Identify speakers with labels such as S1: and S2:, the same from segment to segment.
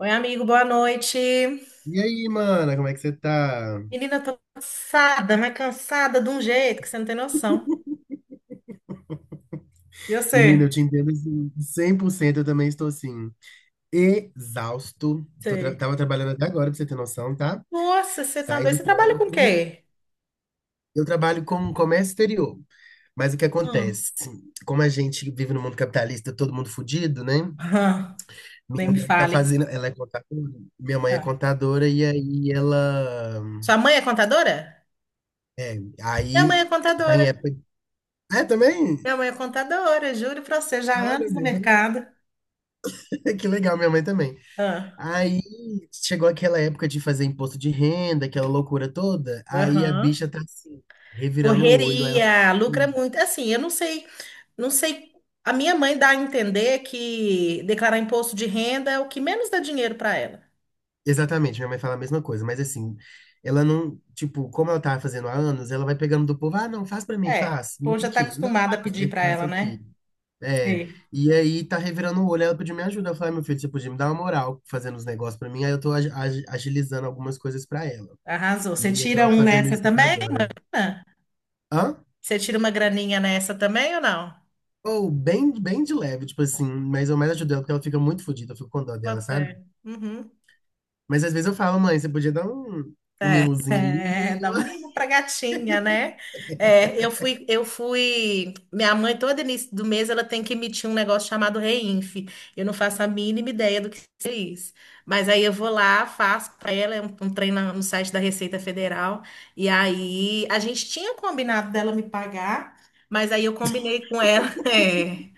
S1: Oi, amigo, boa noite.
S2: E aí, mana, como é que você tá?
S1: Menina, tô cansada, mas cansada de um jeito que você não tem noção. E
S2: Menina,
S1: você?
S2: eu te entendo assim, 100%, eu também estou assim, exausto.
S1: Sei.
S2: Tava trabalhando até agora, pra você ter noção, tá?
S1: Nossa, você tá
S2: Saí
S1: doido.
S2: do
S1: Você trabalha com o
S2: trampo.
S1: quê?
S2: Eu trabalho com comércio exterior, mas o que
S1: Hum.
S2: acontece? Assim, como a gente vive no mundo capitalista, todo mundo fudido, né?
S1: Aham, nem
S2: Minha
S1: me
S2: mãe tá
S1: fale.
S2: fazendo, ela é contadora,
S1: Ah,
S2: e aí ela,
S1: sua mãe é contadora? Minha
S2: aí
S1: mãe é
S2: tá em
S1: contadora.
S2: época. É, também?
S1: Minha mãe é contadora, juro pra você, já há
S2: Olha,
S1: anos no
S2: meu, também.
S1: mercado.
S2: Que legal, minha mãe também.
S1: Ah,
S2: Aí chegou aquela época de fazer imposto de renda, aquela loucura toda. Aí a
S1: aham.
S2: bicha tá assim, revirando o olho. Aí ela fala
S1: Correria, lucra
S2: assim,
S1: muito. Assim, eu não sei, não sei. A minha mãe dá a entender que declarar imposto de renda é o que menos dá dinheiro para ela.
S2: exatamente, minha mãe fala a mesma coisa, mas assim, ela não, tipo, como ela tava fazendo há anos, ela vai pegando do povo, ah, não, faz pra mim,
S1: É,
S2: faz, vem
S1: pô, já está
S2: aqui, não,
S1: acostumada a
S2: faz,
S1: pedir
S2: aí
S1: para
S2: faço
S1: ela,
S2: aqui.
S1: né?
S2: É,
S1: Sim.
S2: e aí tá revirando o olho, ela pediu minha ajuda. Eu falei, "Ah, meu filho, você podia me dar uma moral fazendo os negócios pra mim", aí eu tô agilizando algumas coisas pra ela.
S1: Arrasou.
S2: E
S1: Você
S2: aí eu
S1: tira
S2: tava
S1: um
S2: fazendo
S1: nessa
S2: isso até
S1: também,
S2: agora.
S1: Ana?
S2: Hã?
S1: Você tira uma graninha nessa também ou não?
S2: Ou bem, bem de leve, tipo assim, mas eu mais ajudo ela porque ela fica muito fodida, eu fico com dó
S1: Bota
S2: dela, sabe?
S1: fé. Uhum.
S2: Mas às vezes eu falo, mãe, você podia dar um, um mimozinho ali,
S1: É, dá um mimo pra gatinha, né? É, eu fui. Minha mãe, todo início do mês, ela tem que emitir um negócio chamado Reinf. Eu não faço a mínima ideia do que é isso. Mas aí eu vou lá, faço pra ela, é um trem no site da Receita Federal. E aí a gente tinha combinado dela me pagar, mas aí eu combinei com ela. É.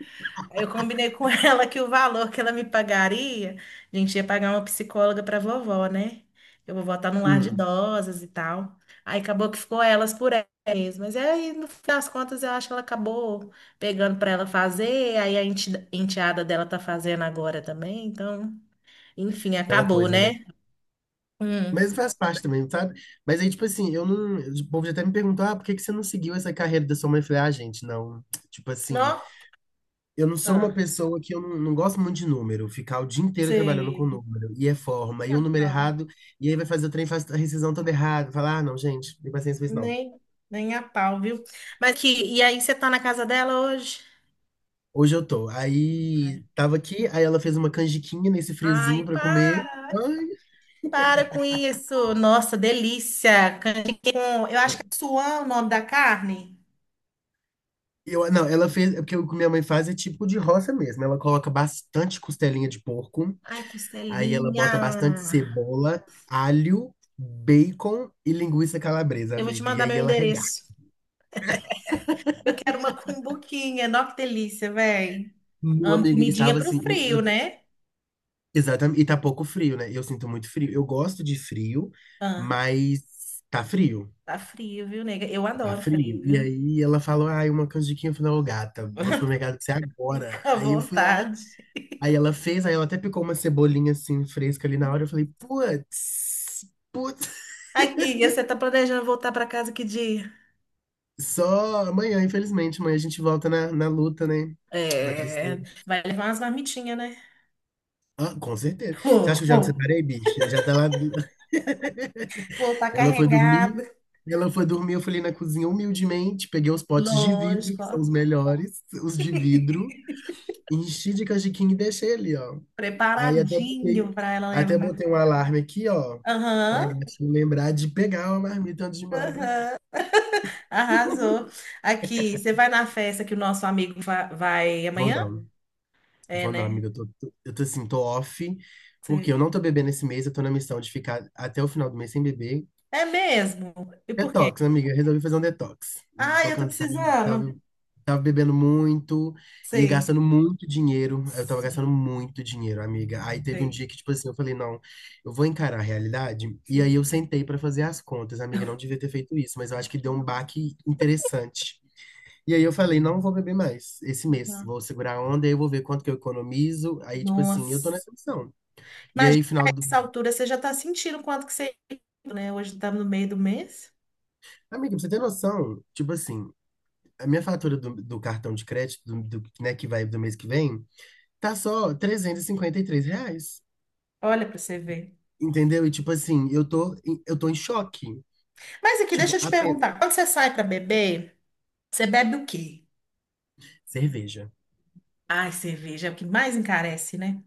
S1: Eu combinei com ela que o valor que ela me pagaria, a gente ia pagar uma psicóloga para vovó, né? Eu vou voltar num lar de
S2: hum,
S1: idosas e tal. Aí acabou que ficou elas por elas. Mas é aí, no fim das contas, eu acho que ela acabou pegando para ela fazer. Aí a enteada dela tá fazendo agora também. Então, enfim,
S2: aquela
S1: acabou,
S2: coisa, né?
S1: né? Hum.
S2: Mas faz parte também, sabe? Mas aí, tipo assim, eu não. O povo já até me perguntou, ah, por que que você não seguiu essa carreira da sua mãe? Eu falei, ah, gente, não. Tipo assim,
S1: Nó?
S2: eu não sou uma
S1: Ah,
S2: pessoa que eu não, não gosto muito de número, ficar o dia inteiro trabalhando com
S1: sei.
S2: número, e é forma, e o
S1: Nem a
S2: número
S1: pau.
S2: errado, e aí vai fazer o trem, faz a rescisão toda errada, falar, ah, não, gente, não tem paciência pra isso, não.
S1: Nem, nem a pau, viu? Mas que, e aí, você tá na casa dela hoje?
S2: Hoje eu tô. Aí tava aqui, aí ela fez uma canjiquinha nesse
S1: Ai,
S2: friozinho pra comer.
S1: para,
S2: Ai,
S1: para com isso. Nossa, delícia. Canjiquinha com, eu acho que é suã o nome da carne.
S2: eu, não, ela fez, porque o que minha mãe faz é tipo de roça mesmo. Ela coloca bastante costelinha de porco,
S1: Ai,
S2: aí ela bota bastante
S1: costelinha.
S2: cebola, alho, bacon e linguiça calabresa,
S1: Eu vou te
S2: amiga. E
S1: mandar
S2: aí
S1: meu
S2: ela
S1: endereço.
S2: regaça.
S1: Eu quero uma cumbuquinha. Nossa, que delícia, velho.
S2: Meu
S1: Amo
S2: amigo,
S1: comidinha
S2: estava
S1: pro
S2: assim,
S1: frio, né?
S2: exatamente, e tá pouco frio, né? Eu sinto muito frio. Eu gosto de frio,
S1: Ah,
S2: mas tá frio.
S1: tá frio, viu, nega? Eu
S2: Tá
S1: adoro
S2: frio.
S1: frio,
S2: E
S1: viu?
S2: aí ela falou, ah, uma canjiquinha. Eu falei, ô gata, vou no supermercado com você agora.
S1: Fica à
S2: Aí eu fui lá,
S1: vontade.
S2: aí ela fez, aí ela até picou uma cebolinha assim, fresca ali na hora. Eu falei, putz, putz.
S1: Aqui, e você tá planejando voltar pra casa que dia?
S2: Só amanhã, infelizmente. Amanhã a gente volta na, na luta, né? Na
S1: É,
S2: tristeza.
S1: vai levar umas marmitinhas, né?
S2: Ah, com certeza. Você acha
S1: Vou
S2: que eu já me
S1: vou.
S2: separei, bicha? Já tá lá.
S1: Voltar
S2: Ela foi
S1: carregado.
S2: dormir. Ela foi dormir, eu falei na cozinha humildemente, peguei os potes de vidro,
S1: Lógico,
S2: que são
S1: ó.
S2: os melhores, os de vidro, enchi de canjiquinha e deixei ali, ó. Aí até botei,
S1: Preparadinho para ela levar.
S2: um alarme aqui, ó, pra
S1: Aham,
S2: gatinho lembrar de pegar uma marmita antes de ir embora pra casa.
S1: aham. Arrasou. Aqui, você vai na festa que o nosso amigo vai
S2: Vou
S1: amanhã?
S2: não,
S1: É, né?
S2: amiga. Eu tô assim, tô off, porque eu
S1: Sei.
S2: não tô bebendo esse mês, eu tô na missão de ficar até o final do mês sem beber.
S1: É mesmo? E por quê?
S2: Detox, amiga. Eu Resolvi fazer um detox.
S1: Ah,
S2: Tô
S1: eu tô
S2: cansado.
S1: precisando.
S2: Tava, bebendo muito, ia
S1: Sei.
S2: gastando muito dinheiro. Eu tava gastando
S1: Sei.
S2: muito dinheiro, amiga. Aí teve um
S1: Sei.
S2: dia que, tipo assim, eu falei, não, eu vou encarar a realidade. E aí
S1: Sei.
S2: eu sentei pra fazer as contas, amiga. Não devia ter feito isso, mas eu acho que deu um baque interessante. E aí eu falei, não vou beber mais esse mês.
S1: Uhum.
S2: Vou segurar a onda, aí eu vou ver quanto que eu economizo. Aí, tipo assim, eu tô
S1: Nossa.
S2: nessa missão. E
S1: Imagina,
S2: aí,
S1: a
S2: final do...
S1: essa altura você já tá sentindo quanto que você, né? Hoje estamos no meio do mês.
S2: Amiga, pra você ter noção, tipo assim, a minha fatura do cartão de crédito, do, né, que vai do mês que vem, tá só R$ 353.
S1: Olha para você ver.
S2: Entendeu? E tipo assim, eu tô em choque.
S1: Mas aqui, deixa
S2: Tipo,
S1: eu te
S2: a pe-
S1: perguntar, quando você sai para beber, você bebe o quê?
S2: Cerveja.
S1: Ai, cerveja é o que mais encarece, né?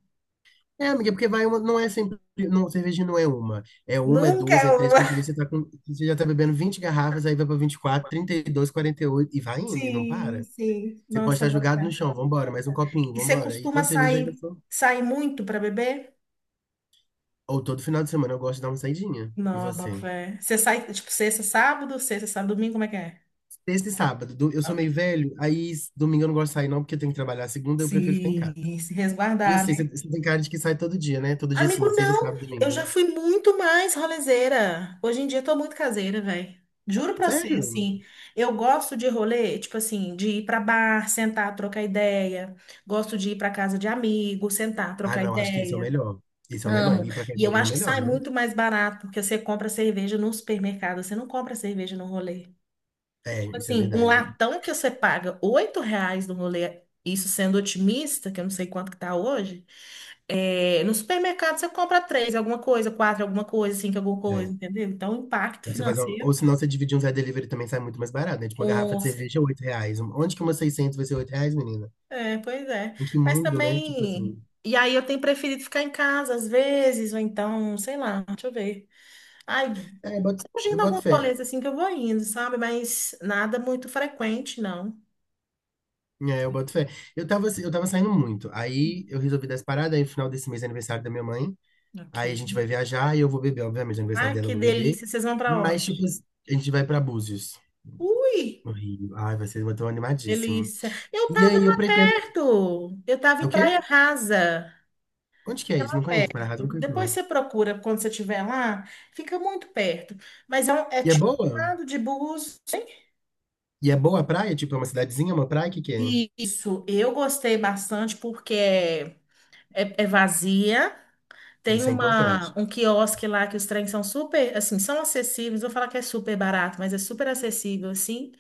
S2: É, amiga, porque vai uma, não é sempre, não, cerveja não é uma. É uma, é
S1: Nunca
S2: duas, é
S1: eu
S2: três,
S1: vou.
S2: quando vê, você tá com, você já tá bebendo 20 garrafas, aí vai pra 24, 32, 48, e dois, quarenta e oito, e vai indo, e não
S1: Sim,
S2: para.
S1: sim.
S2: Você pode
S1: Nossa,
S2: estar
S1: boto
S2: jogado
S1: fé.
S2: no chão, vambora, mais um copinho,
S1: E você
S2: vambora. E
S1: costuma
S2: quando cerveja já
S1: sair,
S2: gastou?
S1: sair muito para beber?
S2: Ou todo final de semana eu gosto de dar uma saidinha. E
S1: Não, boto
S2: você?
S1: fé. Você sai, tipo, sexta, sábado, domingo, como é que é?
S2: Sexta e sábado. Eu sou meio
S1: Ok.
S2: velho, domingo eu não gosto de sair, não, porque eu tenho que trabalhar. Segunda eu prefiro ficar em casa.
S1: Sim, se
S2: E eu
S1: resguardar.
S2: sei, você tem cara de que sai todo dia, né? Todo dia
S1: Amigo,
S2: assim, sexta,
S1: não.
S2: sábado,
S1: Eu já
S2: domingo.
S1: fui muito mais rolezeira. Hoje em dia eu tô muito caseira, velho. Juro pra você,
S2: Sério?
S1: assim, eu gosto de rolê, tipo assim, de ir pra bar, sentar, trocar ideia. Gosto de ir pra casa de amigo, sentar,
S2: Ah,
S1: trocar
S2: não, acho que esse é o
S1: ideia.
S2: melhor. Esse é o melhor.
S1: Amo.
S2: Ir pra
S1: E
S2: casa
S1: eu
S2: amiga é o
S1: acho que
S2: melhor,
S1: sai
S2: né?
S1: muito mais barato, porque você compra cerveja no supermercado, você não compra cerveja no rolê.
S2: É, isso é
S1: Assim, um
S2: verdade.
S1: latão que você paga oito reais no rolê, isso sendo otimista, que eu não sei quanto que tá hoje, é, no supermercado você compra três, alguma coisa, quatro, alguma coisa, cinco, alguma coisa,
S2: É.
S1: entendeu? Então, o impacto
S2: Tem que Você fazer uma- Ou
S1: financeiro,
S2: senão você dividir um Zé Delivery também sai muito mais barato, né? Tipo, uma garrafa
S1: com
S2: de
S1: certeza.
S2: cerveja é R$ 8. Onde que uma 600 vai ser R$ 8, menina?
S1: É, pois é.
S2: Em que
S1: Mas
S2: mundo, né? Tipo
S1: também.
S2: assim.
S1: E aí eu tenho preferido ficar em casa às vezes, ou então, sei lá, deixa eu ver. Ai,
S2: É, eu
S1: fugindo
S2: boto
S1: alguns
S2: fé.
S1: rolês assim que eu vou indo, sabe? Mas nada muito frequente, não.
S2: É, eu boto fé. Eu tava, assim, eu tava saindo muito. Aí eu resolvi dar essa parada, aí no final desse mês é aniversário da minha mãe. Aí a
S1: Ok.
S2: gente vai viajar e eu vou beber, obviamente, no aniversário
S1: Ai,
S2: dela eu
S1: que
S2: vou beber.
S1: delícia, vocês vão pra
S2: Mas, tipo,
S1: onde?
S2: assim, a gente vai pra Búzios,
S1: Ui,
S2: no Rio. Ai, vai ser, eu tô animadíssimo.
S1: delícia. Eu
S2: E
S1: estava
S2: aí eu
S1: lá
S2: pretendo.
S1: perto. Eu estava
S2: É O
S1: em
S2: quê?
S1: Praia Rasa.
S2: Onde que é
S1: Fica
S2: isso?
S1: lá
S2: Não conheço, Mararrazo
S1: perto.
S2: não conheço,
S1: Depois
S2: não.
S1: você procura quando você estiver lá. Fica muito perto. Mas é, é
S2: E é
S1: tipo
S2: boa?
S1: um lado de Búzios.
S2: E é boa a praia? Tipo, é uma cidadezinha, uma praia? O que que é?
S1: Isso, eu gostei bastante porque é vazia. Tem
S2: Isso é importante.
S1: um quiosque lá que os trens são super, assim, são acessíveis. Vou falar que é super barato, mas é super acessível, assim.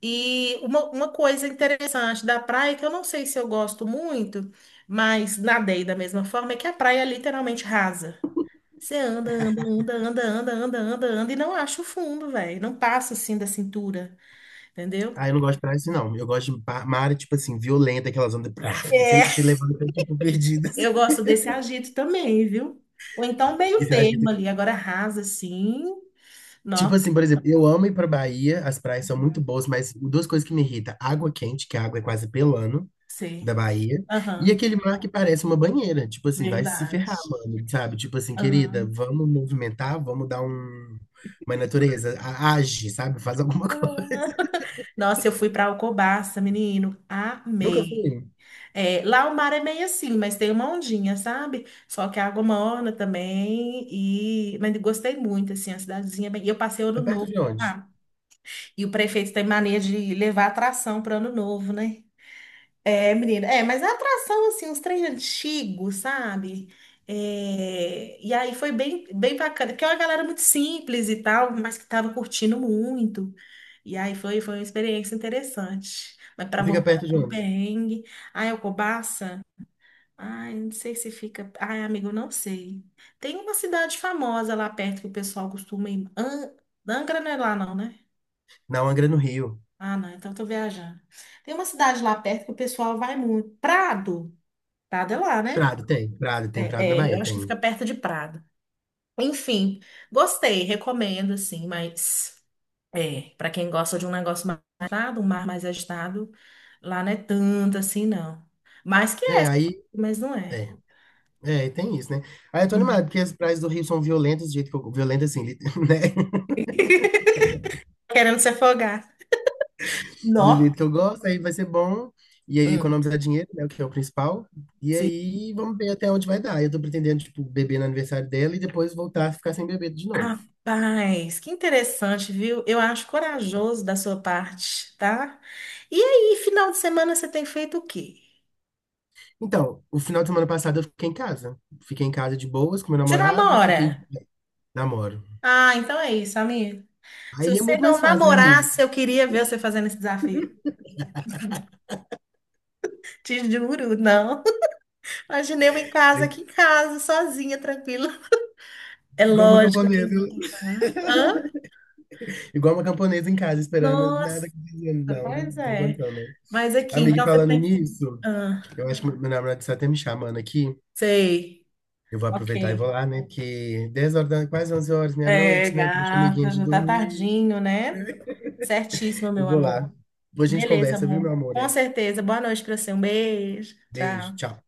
S1: E uma coisa interessante da praia, que eu não sei se eu gosto muito, mas nadei da mesma forma, é que a praia é literalmente rasa. Você anda, anda, anda, anda, anda, anda, anda, anda, e não acha o fundo, velho. Não passa assim da cintura, entendeu?
S2: Ah, eu não gosto de praia assim, não. Eu gosto de pa- Mar, tipo assim, violenta, aquelas ondas. Prá, e se
S1: É.
S2: levando, tipo, perdidas.
S1: Eu gosto desse agito também, viu? Ou então
S2: E
S1: meio
S2: você acha
S1: termo
S2: que
S1: ali, agora rasa assim.
S2: tipo
S1: Não,
S2: assim, por exemplo, eu amo ir pra Bahia, as praias são muito boas, mas duas coisas que me irritam: água quente, que a água é quase pelando
S1: sei.
S2: da Bahia, e
S1: Aham,
S2: aquele mar que parece uma banheira. Tipo assim, vai se ferrar,
S1: verdade.
S2: mano, sabe? Tipo assim, querida,
S1: Aham.
S2: vamos movimentar, vamos dar um... uma natureza, age, sabe? Faz alguma coisa.
S1: Nossa, eu fui para Alcobaça, menino,
S2: Nunca
S1: amei.
S2: fui.
S1: É, lá o mar é meio assim, mas tem uma ondinha, sabe? Só que a água morna também e mas gostei muito assim, a cidadezinha é bem. E eu passei ano
S2: É perto
S1: novo,
S2: de onde?
S1: lá. E o prefeito tem mania de levar atração para ano novo, né? É, menina, é, mas a atração, assim, uns trem antigos, sabe? É, e aí foi bem bacana, porque é uma galera muito simples e tal, mas que tava curtindo muito. E aí foi uma experiência interessante. Mas para
S2: Fica
S1: voltar
S2: perto de
S1: no
S2: onde?
S1: perrengue, ai, Alcobaça, ai, não sei se fica. Ai, amigo, não sei. Tem uma cidade famosa lá perto que o pessoal costuma ir. Angra não é lá, não, né?
S2: Na Angra, no Rio.
S1: Ah, não, então eu tô viajando. Tem uma cidade lá perto que o pessoal vai muito. Prado. Prado é lá, né?
S2: Prado tem, Prado tem, Prado na
S1: É, é, eu
S2: Bahia
S1: acho que fica
S2: tem.
S1: perto de Prado. Enfim, gostei, recomendo, assim, mas é, para quem gosta de um negócio mais agitado, um mar mais agitado, lá não é tanto assim, não. Mas que é,
S2: É, aí.
S1: mas não é.
S2: É, é, tem isso, né? Aí eu tô
S1: Uhum.
S2: animado, porque as praias do Rio são violentas, do jeito que eu. Violentas, assim, né?
S1: Querendo se afogar.
S2: Do jeito
S1: Nó.
S2: que eu gosto, aí vai ser bom. E aí
S1: Hum.
S2: economizar dinheiro, né, o que é o principal. E
S1: Se-
S2: aí vamos ver até onde vai dar. Eu tô pretendendo, tipo, beber no aniversário dela e depois voltar a ficar sem beber de novo.
S1: Rapaz, que interessante, viu? Eu acho corajoso da sua parte, tá? E aí, final de semana você tem feito o quê?
S2: Então, o final de semana passado eu fiquei em casa. Fiquei em casa de boas com meu
S1: Você
S2: namorado, fiquei
S1: namora?
S2: namoro.
S1: Ah, então é isso, amigo. Se
S2: Aí é
S1: você
S2: muito
S1: não
S2: mais fácil, né, amiga?
S1: namorasse, eu queria ver você fazendo esse desafio. Te juro, não. Imaginei eu em casa,
S2: Aí,
S1: aqui em casa, sozinha, tranquila. É
S2: igual uma
S1: lógico que
S2: camponesa,
S1: eu vou contar. Hã?
S2: igual uma camponesa em casa esperando
S1: Nossa,
S2: nada acontecendo. Não,
S1: pois
S2: não tem
S1: é.
S2: condição, não.
S1: Mas aqui,
S2: Amiga, e
S1: então você
S2: falando
S1: tem que.
S2: nisso,
S1: Ah,
S2: eu acho que meu namorado está até me chamando aqui.
S1: sei.
S2: Eu vou
S1: Ok.
S2: aproveitar e vou lá, né? Que 10 horas da quase 11 horas,
S1: É,
S2: meia-noite, né? Deixa o amiguinho
S1: gata,
S2: de
S1: já tá
S2: dormir.
S1: tardinho, né? Certíssimo,
S2: Eu
S1: meu
S2: vou lá.
S1: amor.
S2: Depois a gente
S1: Beleza,
S2: conversa, viu,
S1: amor.
S2: meu amor?
S1: Com
S2: Hein?
S1: certeza. Boa noite pra você. Um beijo.
S2: Beijo,
S1: Tchau.
S2: tchau.